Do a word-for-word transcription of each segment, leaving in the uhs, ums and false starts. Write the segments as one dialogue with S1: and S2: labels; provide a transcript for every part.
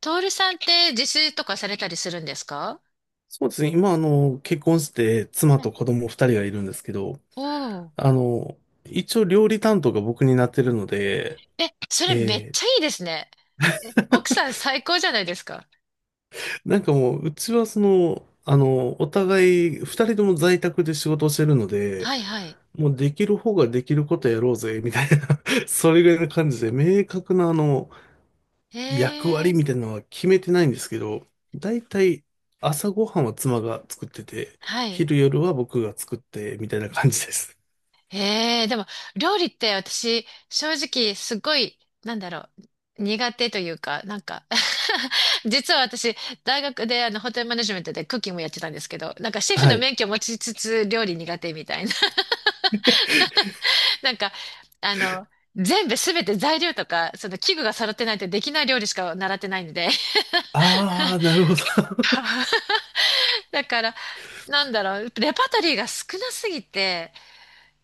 S1: トールさんって自炊とかされたりするんですか？
S2: そうですね。今、あの、結婚して、妻
S1: は
S2: と
S1: い。
S2: 子供二人がいるんですけど、
S1: お。お
S2: あ
S1: ー。
S2: の、一応料理担当が僕になってるので、
S1: え、それめっ
S2: えー
S1: ちゃいいですね。え、奥さん最高じゃないですか。
S2: なんかもう、うちはその、あの、お互い、二人とも在宅で仕事をしてるので、
S1: はいはい。
S2: もうできる方ができることやろうぜ、みたいな それぐらいの感じで、明確なあの、役
S1: え
S2: 割
S1: え。
S2: みたいなのは決めてないんですけど、だいたい朝ごはんは妻が作ってて、
S1: はい。
S2: 昼夜は僕が作って、みたいな感じです。
S1: ええ、でも、料理って私、正直、すごい、なんだろう、苦手というか、なんか 実は私、大学であの、ホテルマネジメントでクッキングやってたんですけど、なんかシェフ
S2: は
S1: の
S2: い。
S1: 免許持ちつつ、料理苦手みたいな。 なんか、あの、全部すべて材料とか、その器具が揃ってないとできない料理しか習ってないんで。
S2: ああ、なるほど。
S1: だから、なんだろう、レパートリーが少なすぎて、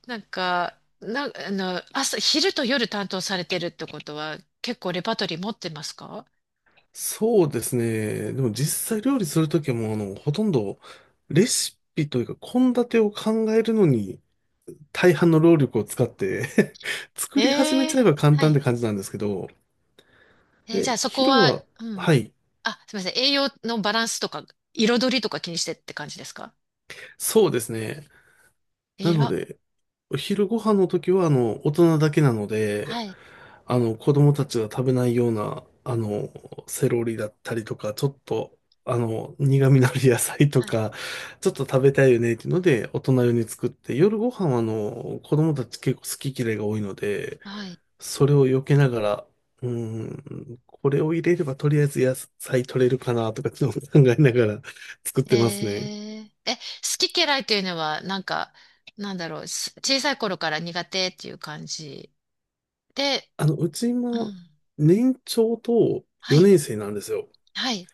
S1: なんか、な、あの、朝、昼と夜担当されてるってことは、結構レパートリー持ってますか？
S2: そうですね。でも実際料理するときも、あの、ほとんどレシピというか、献立を考えるのに、大半の労力を使って 作
S1: え
S2: り始めち
S1: え。
S2: ゃえば簡
S1: は
S2: 単っ
S1: い。
S2: て感じなんですけど、
S1: えー、じゃ
S2: で、
S1: あそこ
S2: 昼
S1: は、
S2: は、
S1: うん。
S2: はい、
S1: あ、すみません。栄養のバランスとか、彩りとか気にしてって感じですか？
S2: そうですね。な
S1: え
S2: の
S1: ら、
S2: で、お昼ご飯の時は、あの、大人だけなの
S1: は
S2: で、
S1: い、
S2: あの、子供たちが食べないような、あの、セロリだったりとか、ちょっと、あの、苦味のある野菜と
S1: はい、
S2: か、ちょっと食べたいよねっていうので、大人用に作って、夜ご飯は、あの、子供たち結構好き嫌いが多いので、
S1: はい。
S2: それを避けながら、うーん、これを入れればとりあえず野菜取れるかなとか、ちょっと 考えながら 作っ
S1: へ
S2: てますね。
S1: え。え、好き嫌いというのは、なんか、なんだろう、す小さい頃から苦手っていう感じで、
S2: あの、うち
S1: う
S2: 今、
S1: ん。
S2: 年長と
S1: はい、
S2: よねん生なんですよ。
S1: はい。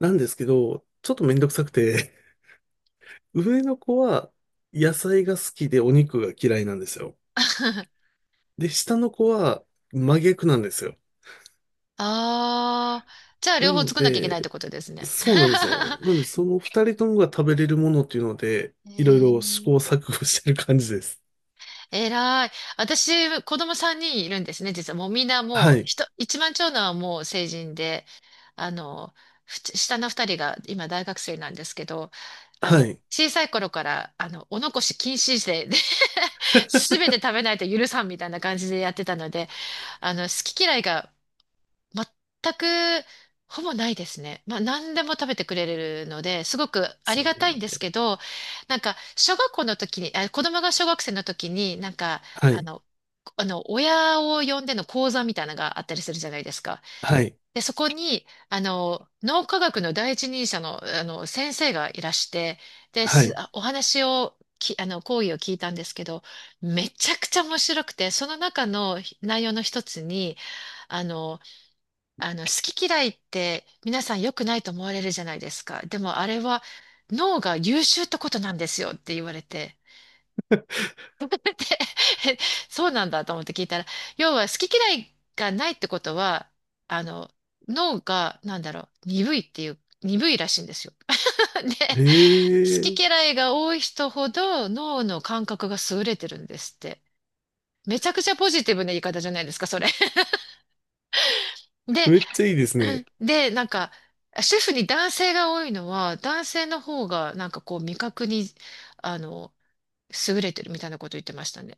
S2: なんですけど、ちょっとめんどくさくて上の子は野菜が好きでお肉が嫌いなんですよ。で、下の子は真逆なんですよ。
S1: ああ、じゃあ
S2: な
S1: 両方
S2: の
S1: 作んなきゃいけないっ
S2: で、
S1: てことですね。
S2: そうなんですよ。なので、その二人ともが食べれるものっていうので、
S1: へ
S2: いろい
S1: え。
S2: ろ試行錯誤してる感じです。
S1: えらい。私、子供さんにんいるんですね、実は。もうみんな
S2: は
S1: もう、
S2: い。
S1: ひと一番長男はもう成人で、あの、ふち下の二人が今大学生なんですけど、あ
S2: は
S1: の、
S2: い。で
S1: 小さい頃から、あの、お残し禁止で、で すべて食べないと許さんみたいな感じでやってたので、あの、好き嫌いが全く、ほぼないですね。まあ、何でも食べてくれるので、すごくあ
S2: す
S1: り
S2: よ
S1: がたいんです
S2: ね。
S1: けど、なんか、小学校の時に、あ、子供が小学生の時に、なんか、
S2: は
S1: あ
S2: い。
S1: の、あの、親を呼んでの講座みたいなのがあったりするじゃないですか。
S2: はい。
S1: で、そこに、あの、脳科学の第一人者の、あの、先生がいらして、で、
S2: は
S1: す、
S2: い。
S1: あお話を、き、あの、講義を聞いたんですけど、めちゃくちゃ面白くて、その中の内容の一つに、あの、あの、好き嫌いって皆さん良くないと思われるじゃないですか。でもあれは脳が優秀ってことなんですよって言われて。で そうなんだと思って聞いたら、要は好き嫌いがないってことは、あの、脳が、なんだろう、鈍いっていう、鈍いらしいんですよ。で、
S2: へ
S1: 好き
S2: え、
S1: 嫌いが多い人ほど脳の感覚が優れてるんですって。めちゃくちゃポジティブな言い方じゃないですか、それ。で。
S2: めっちゃいいですね。
S1: で、なんか、シェフに男性が多いのは、男性の方が、なんかこう、味覚に、あの、優れてるみたいなこと言ってましたね。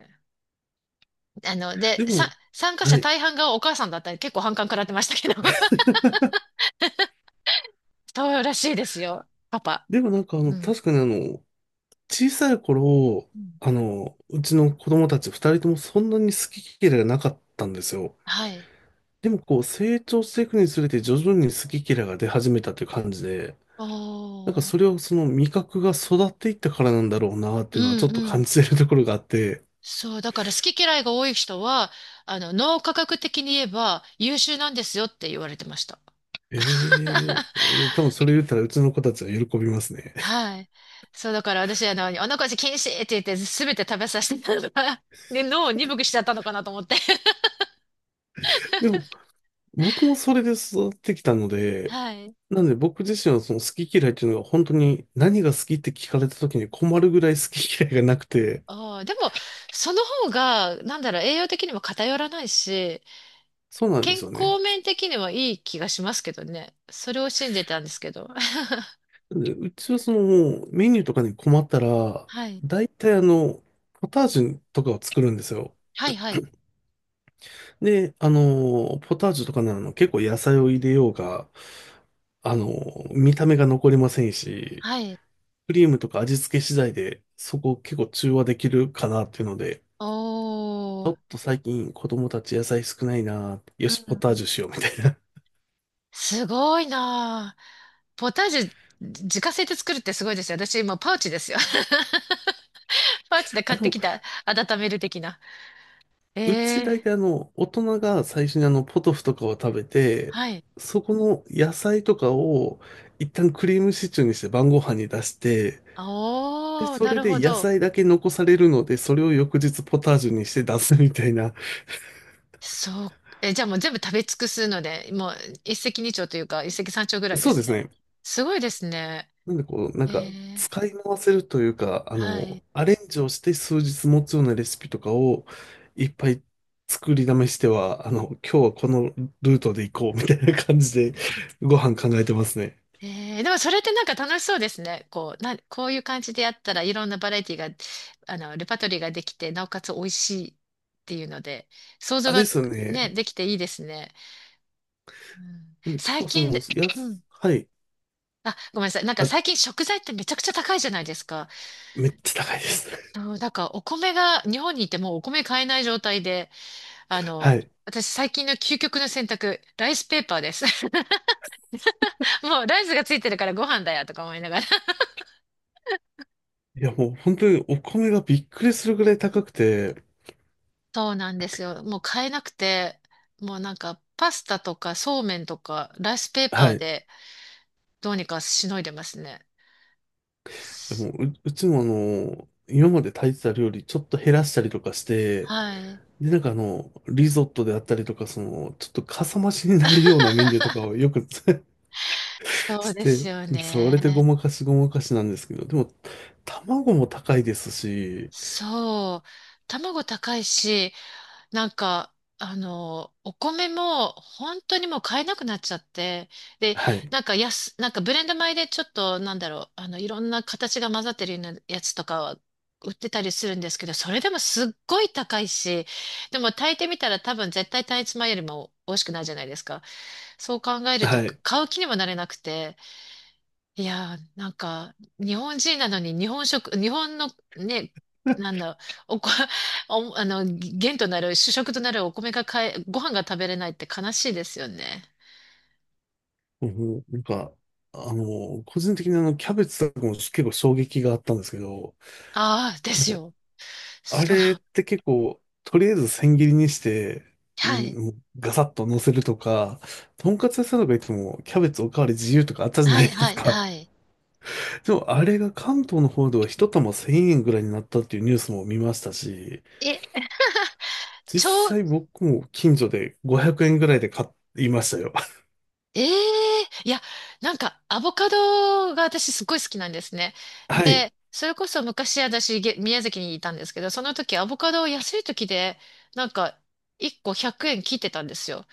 S1: あの、で、
S2: で
S1: さ、
S2: も、
S1: 参加
S2: は
S1: 者
S2: い。
S1: 大半がお母さんだったり、結構反感食らってましたけど。そうらしいですよ、パパ。
S2: でもなんかあの、
S1: うん。
S2: 確かにあの、小さい頃、
S1: うん。
S2: あの、うちの子供たち二人ともそんなに好き嫌いがなかったんですよ。
S1: はい。
S2: でもこう成長していくにつれて徐々に好き嫌いが出始めたという感じで、なんか
S1: おー。
S2: それをその味覚が育っていったからなんだろうなって
S1: う
S2: いうのは
S1: ん
S2: ちょっと
S1: う
S2: 感
S1: ん。
S2: じてるところがあって、
S1: そう、だから好き嫌いが多い人は、あの、脳科学的に言えば優秀なんですよって言われてました。
S2: ええ多分それ言ったらうちの子たちは喜びますね。
S1: はい。そう、だから私、あの、お腹禁止って言って、すべて食べさせてたのが、で、脳を鈍くしちゃったのかなと思って。
S2: でも僕もそれで育ってきたので、
S1: はい。
S2: なんで僕自身はその好き嫌いっていうのが本当に何が好きって聞かれた時に困るぐらい好き嫌いがなくて、
S1: ああ、でも、その方が、なんだろう、栄養的にも偏らないし、
S2: そうなんで
S1: 健
S2: すよ
S1: 康
S2: ね。
S1: 面的にはいい気がしますけどね。それを信じてたんですけど。
S2: でうちはそのもうメニューとかに困ったら、
S1: はい。
S2: 大体あの、ポタージュとかを作るんですよ。
S1: はい、はい。
S2: で、あの、ポタージュとかなの結構野菜を入れようが、あの、見た目が残りませんし、
S1: はい。
S2: クリームとか味付け次第でそこ結構中和できるかなっていうので、ち
S1: お
S2: ょ
S1: ー。
S2: っと最近子供たち野菜少ないな、よ
S1: う
S2: し、ポ
S1: ん
S2: タ
S1: う
S2: ー
S1: ん。
S2: ジュしようみたいな。
S1: すごいなあ。ポタージュ、自家製で作るってすごいですよ。私、今、パウチですよ。パウチで
S2: あ、
S1: 買っ
S2: で
S1: て
S2: も
S1: きた、温める的な。
S2: うち
S1: え
S2: 大体
S1: え。
S2: あの、大人が最初にあの、ポトフとかを食べて、
S1: はい。
S2: そこの野菜とかを一旦クリームシチューにして晩ご飯に出して、で、
S1: あおー、
S2: そ
S1: な
S2: れ
S1: る
S2: で
S1: ほ
S2: 野
S1: ど。
S2: 菜だけ残されるので、それを翌日ポタージュにして出すみたいな。
S1: そう。え、じゃあもう全部食べ尽くすので、もう一石二鳥というか、一石三鳥ぐらいで
S2: そうで
S1: す
S2: す
S1: ね。
S2: ね。
S1: すごいですね。
S2: なんでこう、なん
S1: え
S2: か、
S1: え。
S2: 使い回せるというか、あ
S1: はい。
S2: の、アレンジをして数日持つようなレシピとかをいっぱい作りだめしては、あの、今日はこのルートで行こうみたいな感じでご飯考えてますね。
S1: ええ、でもそれってなんか楽しそうですね。こう、な、こういう感じでやったらいろんなバラエティが、あの、レパートリーができて、なおかつ美味しいっていうので、想像
S2: あ、
S1: が
S2: ですよ
S1: ね、
S2: ね。
S1: できていいですね。うん、
S2: なんで結
S1: 最
S2: 構そ
S1: 近
S2: の、
S1: で、
S2: や
S1: うん。
S2: す、はい。
S1: あ、ごめんなさい。なんか
S2: あ、
S1: 最近食材ってめちゃくちゃ高いじゃないですか。
S2: めっちゃ高いです。
S1: そう、だからお米が、日本にいてもうお米買えない状態で、あ の、
S2: はい。
S1: 私最近の究極の選択、ライスペーパーです。もうライスがついてるからご飯だよとか思いながら。
S2: いや、もう本当にお米がびっくりするぐらい高くて、
S1: そうなんですよ。もう買えなくて、もうなんかパスタとかそうめんとかライスペーパ
S2: は
S1: ー
S2: い。
S1: でどうにかしのいでますね。
S2: でもう、うちもあの、今まで炊いてた料理ちょっと減らしたりとかして、
S1: はい。
S2: で、なんかあの、リゾットであったりとか、その、ちょっとかさ増しになるようなメニューとかを よく
S1: そう
S2: し
S1: です
S2: て、
S1: よ
S2: それでご
S1: ね。
S2: まかしごまかしなんですけど、でも、卵も高いですし、
S1: そう。卵高いし、なんか、あの、お米も本当にもう買えなくなっちゃって、で、
S2: はい。
S1: なんか安、なんかブレンド米でちょっと、なんだろう、あの、いろんな形が混ざってるようなやつとかは売ってたりするんですけど、それでもすっごい高いし、でも炊いてみたら多分絶対単一米よりも美味しくないじゃないですか。そう考えると
S2: はい。
S1: 買う気にもなれなくて、いやー、なんか、日本人なのに日本食、日本のね、なんだ、おこ、お、あの、元となる、主食となるお米が買え、ご飯が食べれないって悲しいですよね。
S2: うんなんか、あの、個人的にあの、キャベツとかも結構衝撃があったんですけど、
S1: ああ、で
S2: なん
S1: す
S2: か、
S1: よ。
S2: あ
S1: そう。
S2: れって結構、とりあえず千切りにして、
S1: はい。
S2: うんガサッと乗せるとか、とんかつ屋さんとか行っても、キャベツおかわり自由とかあったじゃな
S1: は
S2: い
S1: い、
S2: で
S1: は
S2: す
S1: い、
S2: か。
S1: はい。
S2: でも、あれが関東の方では一玉せんえんぐらいになったっていうニュースも見ましたし、
S1: え、
S2: 実
S1: ちょ、
S2: 際僕も近所でごひゃくえんぐらいで買いましたよ。
S1: ええ、いや、なんか、アボカドが私すごい好きなんですね。
S2: はい。
S1: で、それこそ昔私、げ宮崎にいたんですけど、その時アボカドを安い時で、なんか、いっこひゃくえん切ってたんですよ。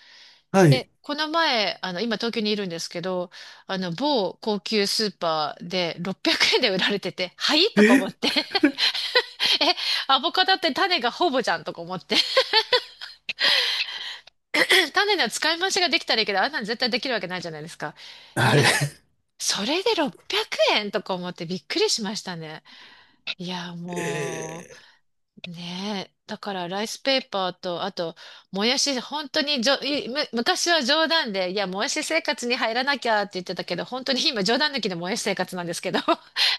S2: はい。
S1: で、この前、あの、今東京にいるんですけど、あの、某高級スーパーでろっぴゃくえんで売られてて、はいとか思っ
S2: え
S1: て、え、アボカドって種がほぼじゃんとか思って、種の使い回しができたらいいけど、あんなの絶対できるわけないじゃないですか。い
S2: は
S1: や、
S2: い。
S1: それでろっぴゃくえんとか思ってびっくりしましたね。いや、も
S2: えー
S1: う、ねえ。だから、ライスペーパーと、あと、もやし、本当にじょ、いむ、昔は冗談で、いや、もやし生活に入らなきゃって言ってたけど、本当に今、冗談抜きでもやし生活なんですけど。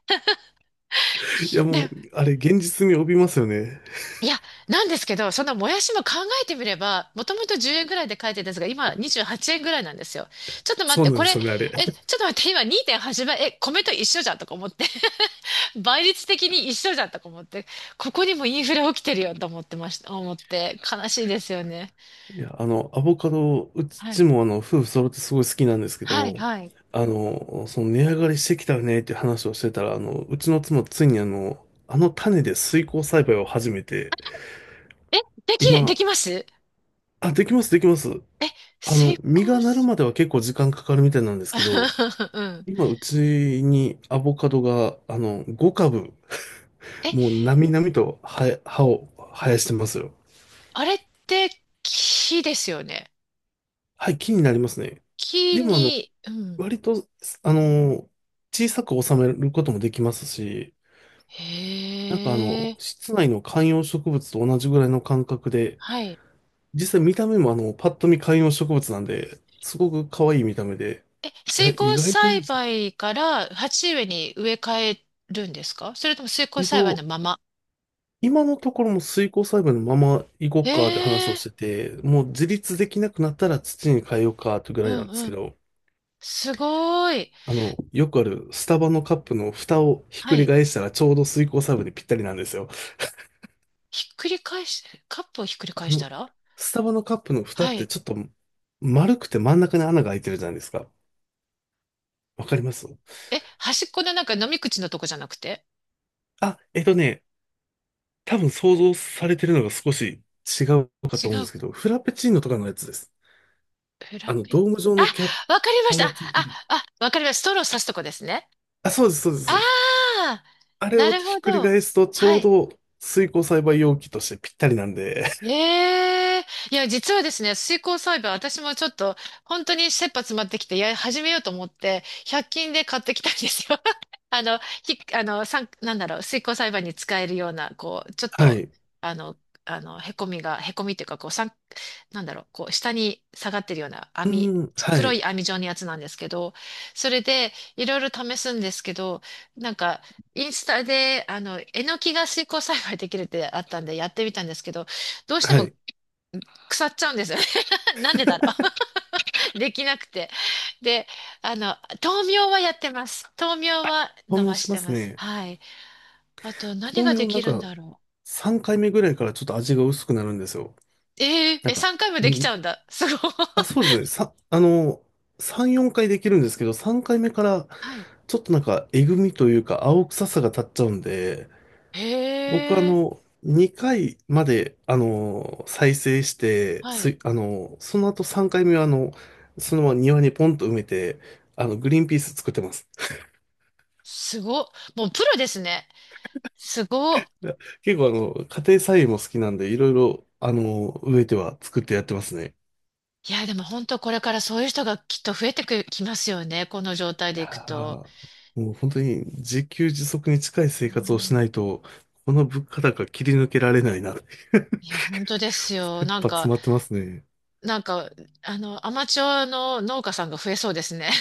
S2: いや、も
S1: で、
S2: う、あれ、現実味を帯びますよね。
S1: いや、なんですけど、そのもやしも考えてみれば、もともとじゅうえんぐらいで書いてたんですが、今、にじゅうはちえんぐらいなんですよ。ちょっと待っ
S2: そう
S1: て、
S2: なん
S1: こ
S2: で
S1: れ、え、
S2: すよね、あれ。
S1: ちょっと待って、今にてんはちばい、え、米と一緒じゃんとか思って、倍率的に一緒じゃんとか思って、ここにもインフレ起きてるよと思ってました、思って、悲しいですよね。
S2: いや、あの、アボカド、う
S1: は
S2: ち
S1: い。
S2: もあの、夫婦揃ってすごい好きなんですけ
S1: はい
S2: ど、
S1: はい。
S2: あの、その値上がりしてきたよねって話をしてたら、あの、うちの妻ついにあの、あの種で水耕栽培を始めて、
S1: え、でき、
S2: 今、
S1: できます？
S2: あ、できます、できます。
S1: え、
S2: あ
S1: 成
S2: の、実
S1: 功
S2: がなる
S1: す、
S2: までは結構時間かかるみたいなんですけど、
S1: うん。
S2: 今、うちにアボカドが、あの、ご株、
S1: え、
S2: もう、なみなみと、は、葉を生やしてますよ。
S1: あれって木ですよね。
S2: はい、気になりますね。
S1: 木
S2: でも、あの、
S1: に、うん。
S2: 割と、あの、小さく収めることもできますし、なんかあ
S1: へ
S2: の、
S1: え、
S2: 室内の観葉植物と同じぐらいの感覚で、
S1: はい。
S2: 実際見た目もあの、パッと見観葉植物なんで、すごく可愛い見た目で、
S1: え、
S2: いや、
S1: 水
S2: 意
S1: 耕
S2: 外といい
S1: 栽
S2: じゃ
S1: 培から鉢植えに植え替えるんですか？それとも水
S2: ん。
S1: 耕
S2: えっ
S1: 栽培の
S2: と、
S1: まま？
S2: 今のところも水耕栽培のまま行こう
S1: へ
S2: かって話を
S1: え、
S2: してて、もう自立できなくなったら土に変えようかってぐ
S1: う
S2: らいなん
S1: ん
S2: です
S1: う
S2: け
S1: ん。
S2: ど、
S1: すごい。
S2: あの、よくあるスタバのカップの蓋をひっ
S1: は
S2: くり
S1: い。
S2: 返したらちょうど水耕サーブにぴったりなんですよ。
S1: ひっくり返し、カップをひっくり
S2: あ
S1: 返した
S2: の、
S1: ら？
S2: スタバのカップの蓋
S1: は
S2: って
S1: い。
S2: ちょっと丸くて真ん中に穴が開いてるじゃないですか。わかります？
S1: え、端っこのなんか飲み口のとこじゃなくて？
S2: あ、えっとね、多分想像されてるのが少し違うか
S1: 違
S2: と思うんで
S1: う？
S2: すけど、フラペチーノとかのやつです。
S1: フ
S2: あ
S1: ラ
S2: の、
S1: ペ、
S2: ドーム状
S1: あ、
S2: のキャッ
S1: わかりまし
S2: プ
S1: た。
S2: が
S1: あ、
S2: ついてる。
S1: あ、あ、わかりました。ストローさすとこですね。
S2: あ、そうです、そうです。
S1: あ
S2: そうです。
S1: あ、
S2: あれ
S1: な
S2: を
S1: る
S2: ひ
S1: ほ
S2: っくり
S1: ど。
S2: 返すとち
S1: は
S2: ょう
S1: い。
S2: ど水耕栽培容器としてぴったりなんで、
S1: ええ。いや、実はですね、水耕栽培、私もちょっと、本当に切羽詰まってきて、や、始めようと思って、ひゃく均で買ってきたんですよ。あの、ひ、あの、さん、なんだろう、水耕栽培に使えるような、こう、ちょっ
S2: は
S1: と、
S2: い。
S1: あの、あの、へこみが、へこみっていうか、こう、さん、なんだろう、こう、下に下がってるような
S2: う
S1: 網、
S2: ん、は
S1: 黒
S2: い、
S1: い網状のやつなんですけど、それで、いろいろ試すんですけど、なんか、インスタで、あの、えのきが水耕栽培できるってあったんで、やってみたんですけど、どうして
S2: は
S1: も
S2: い。
S1: 腐っちゃうんですよね。なんでだろう。できなくて。で、あの、豆苗はやってます。豆苗は
S2: 豆
S1: 伸
S2: 苗
S1: ばし
S2: しま
S1: て
S2: す
S1: ます。
S2: ね。
S1: はい。あと、何が
S2: 豆
S1: で
S2: 苗な
S1: き
S2: ん
S1: るん
S2: か、
S1: だろ
S2: さんかいめぐらいからちょっと味が薄くなるんですよ。
S1: う。えー、
S2: なん
S1: え、
S2: か、
S1: さんかいも
S2: う
S1: できちゃ
S2: ん、
S1: うんだ。すごい。
S2: あ、そうですね。さ、あの、さん、よんかいできるんですけど、さんかいめから
S1: はい。
S2: ちょっとなんか、えぐみというか、青臭さが立っちゃうんで、僕あ
S1: へえ、
S2: の、にかいまで、あの、再生して、
S1: はい。
S2: す、あの、その後さんかいめはあの、そのまま庭にポンと埋めて、あの、グリーンピース作ってます。
S1: すご。もうプロですね。すご。
S2: いや結構あの、家庭菜園も好きなんで、いろいろ、あの、植えては作ってやってますね。
S1: いや、でも本当これからそういう人がきっと増えてく、きますよね。この状態
S2: い
S1: でいく
S2: や
S1: と。
S2: ーもう本当に自給自足に近い
S1: う
S2: 生活をしな
S1: ん。
S2: いと、この物価高切り抜けられないなって。
S1: いや、本当ですよ。
S2: 切
S1: なん
S2: 羽
S1: か、
S2: 詰まってますね。
S1: なんか、あの、アマチュアの農家さんが増えそうですね。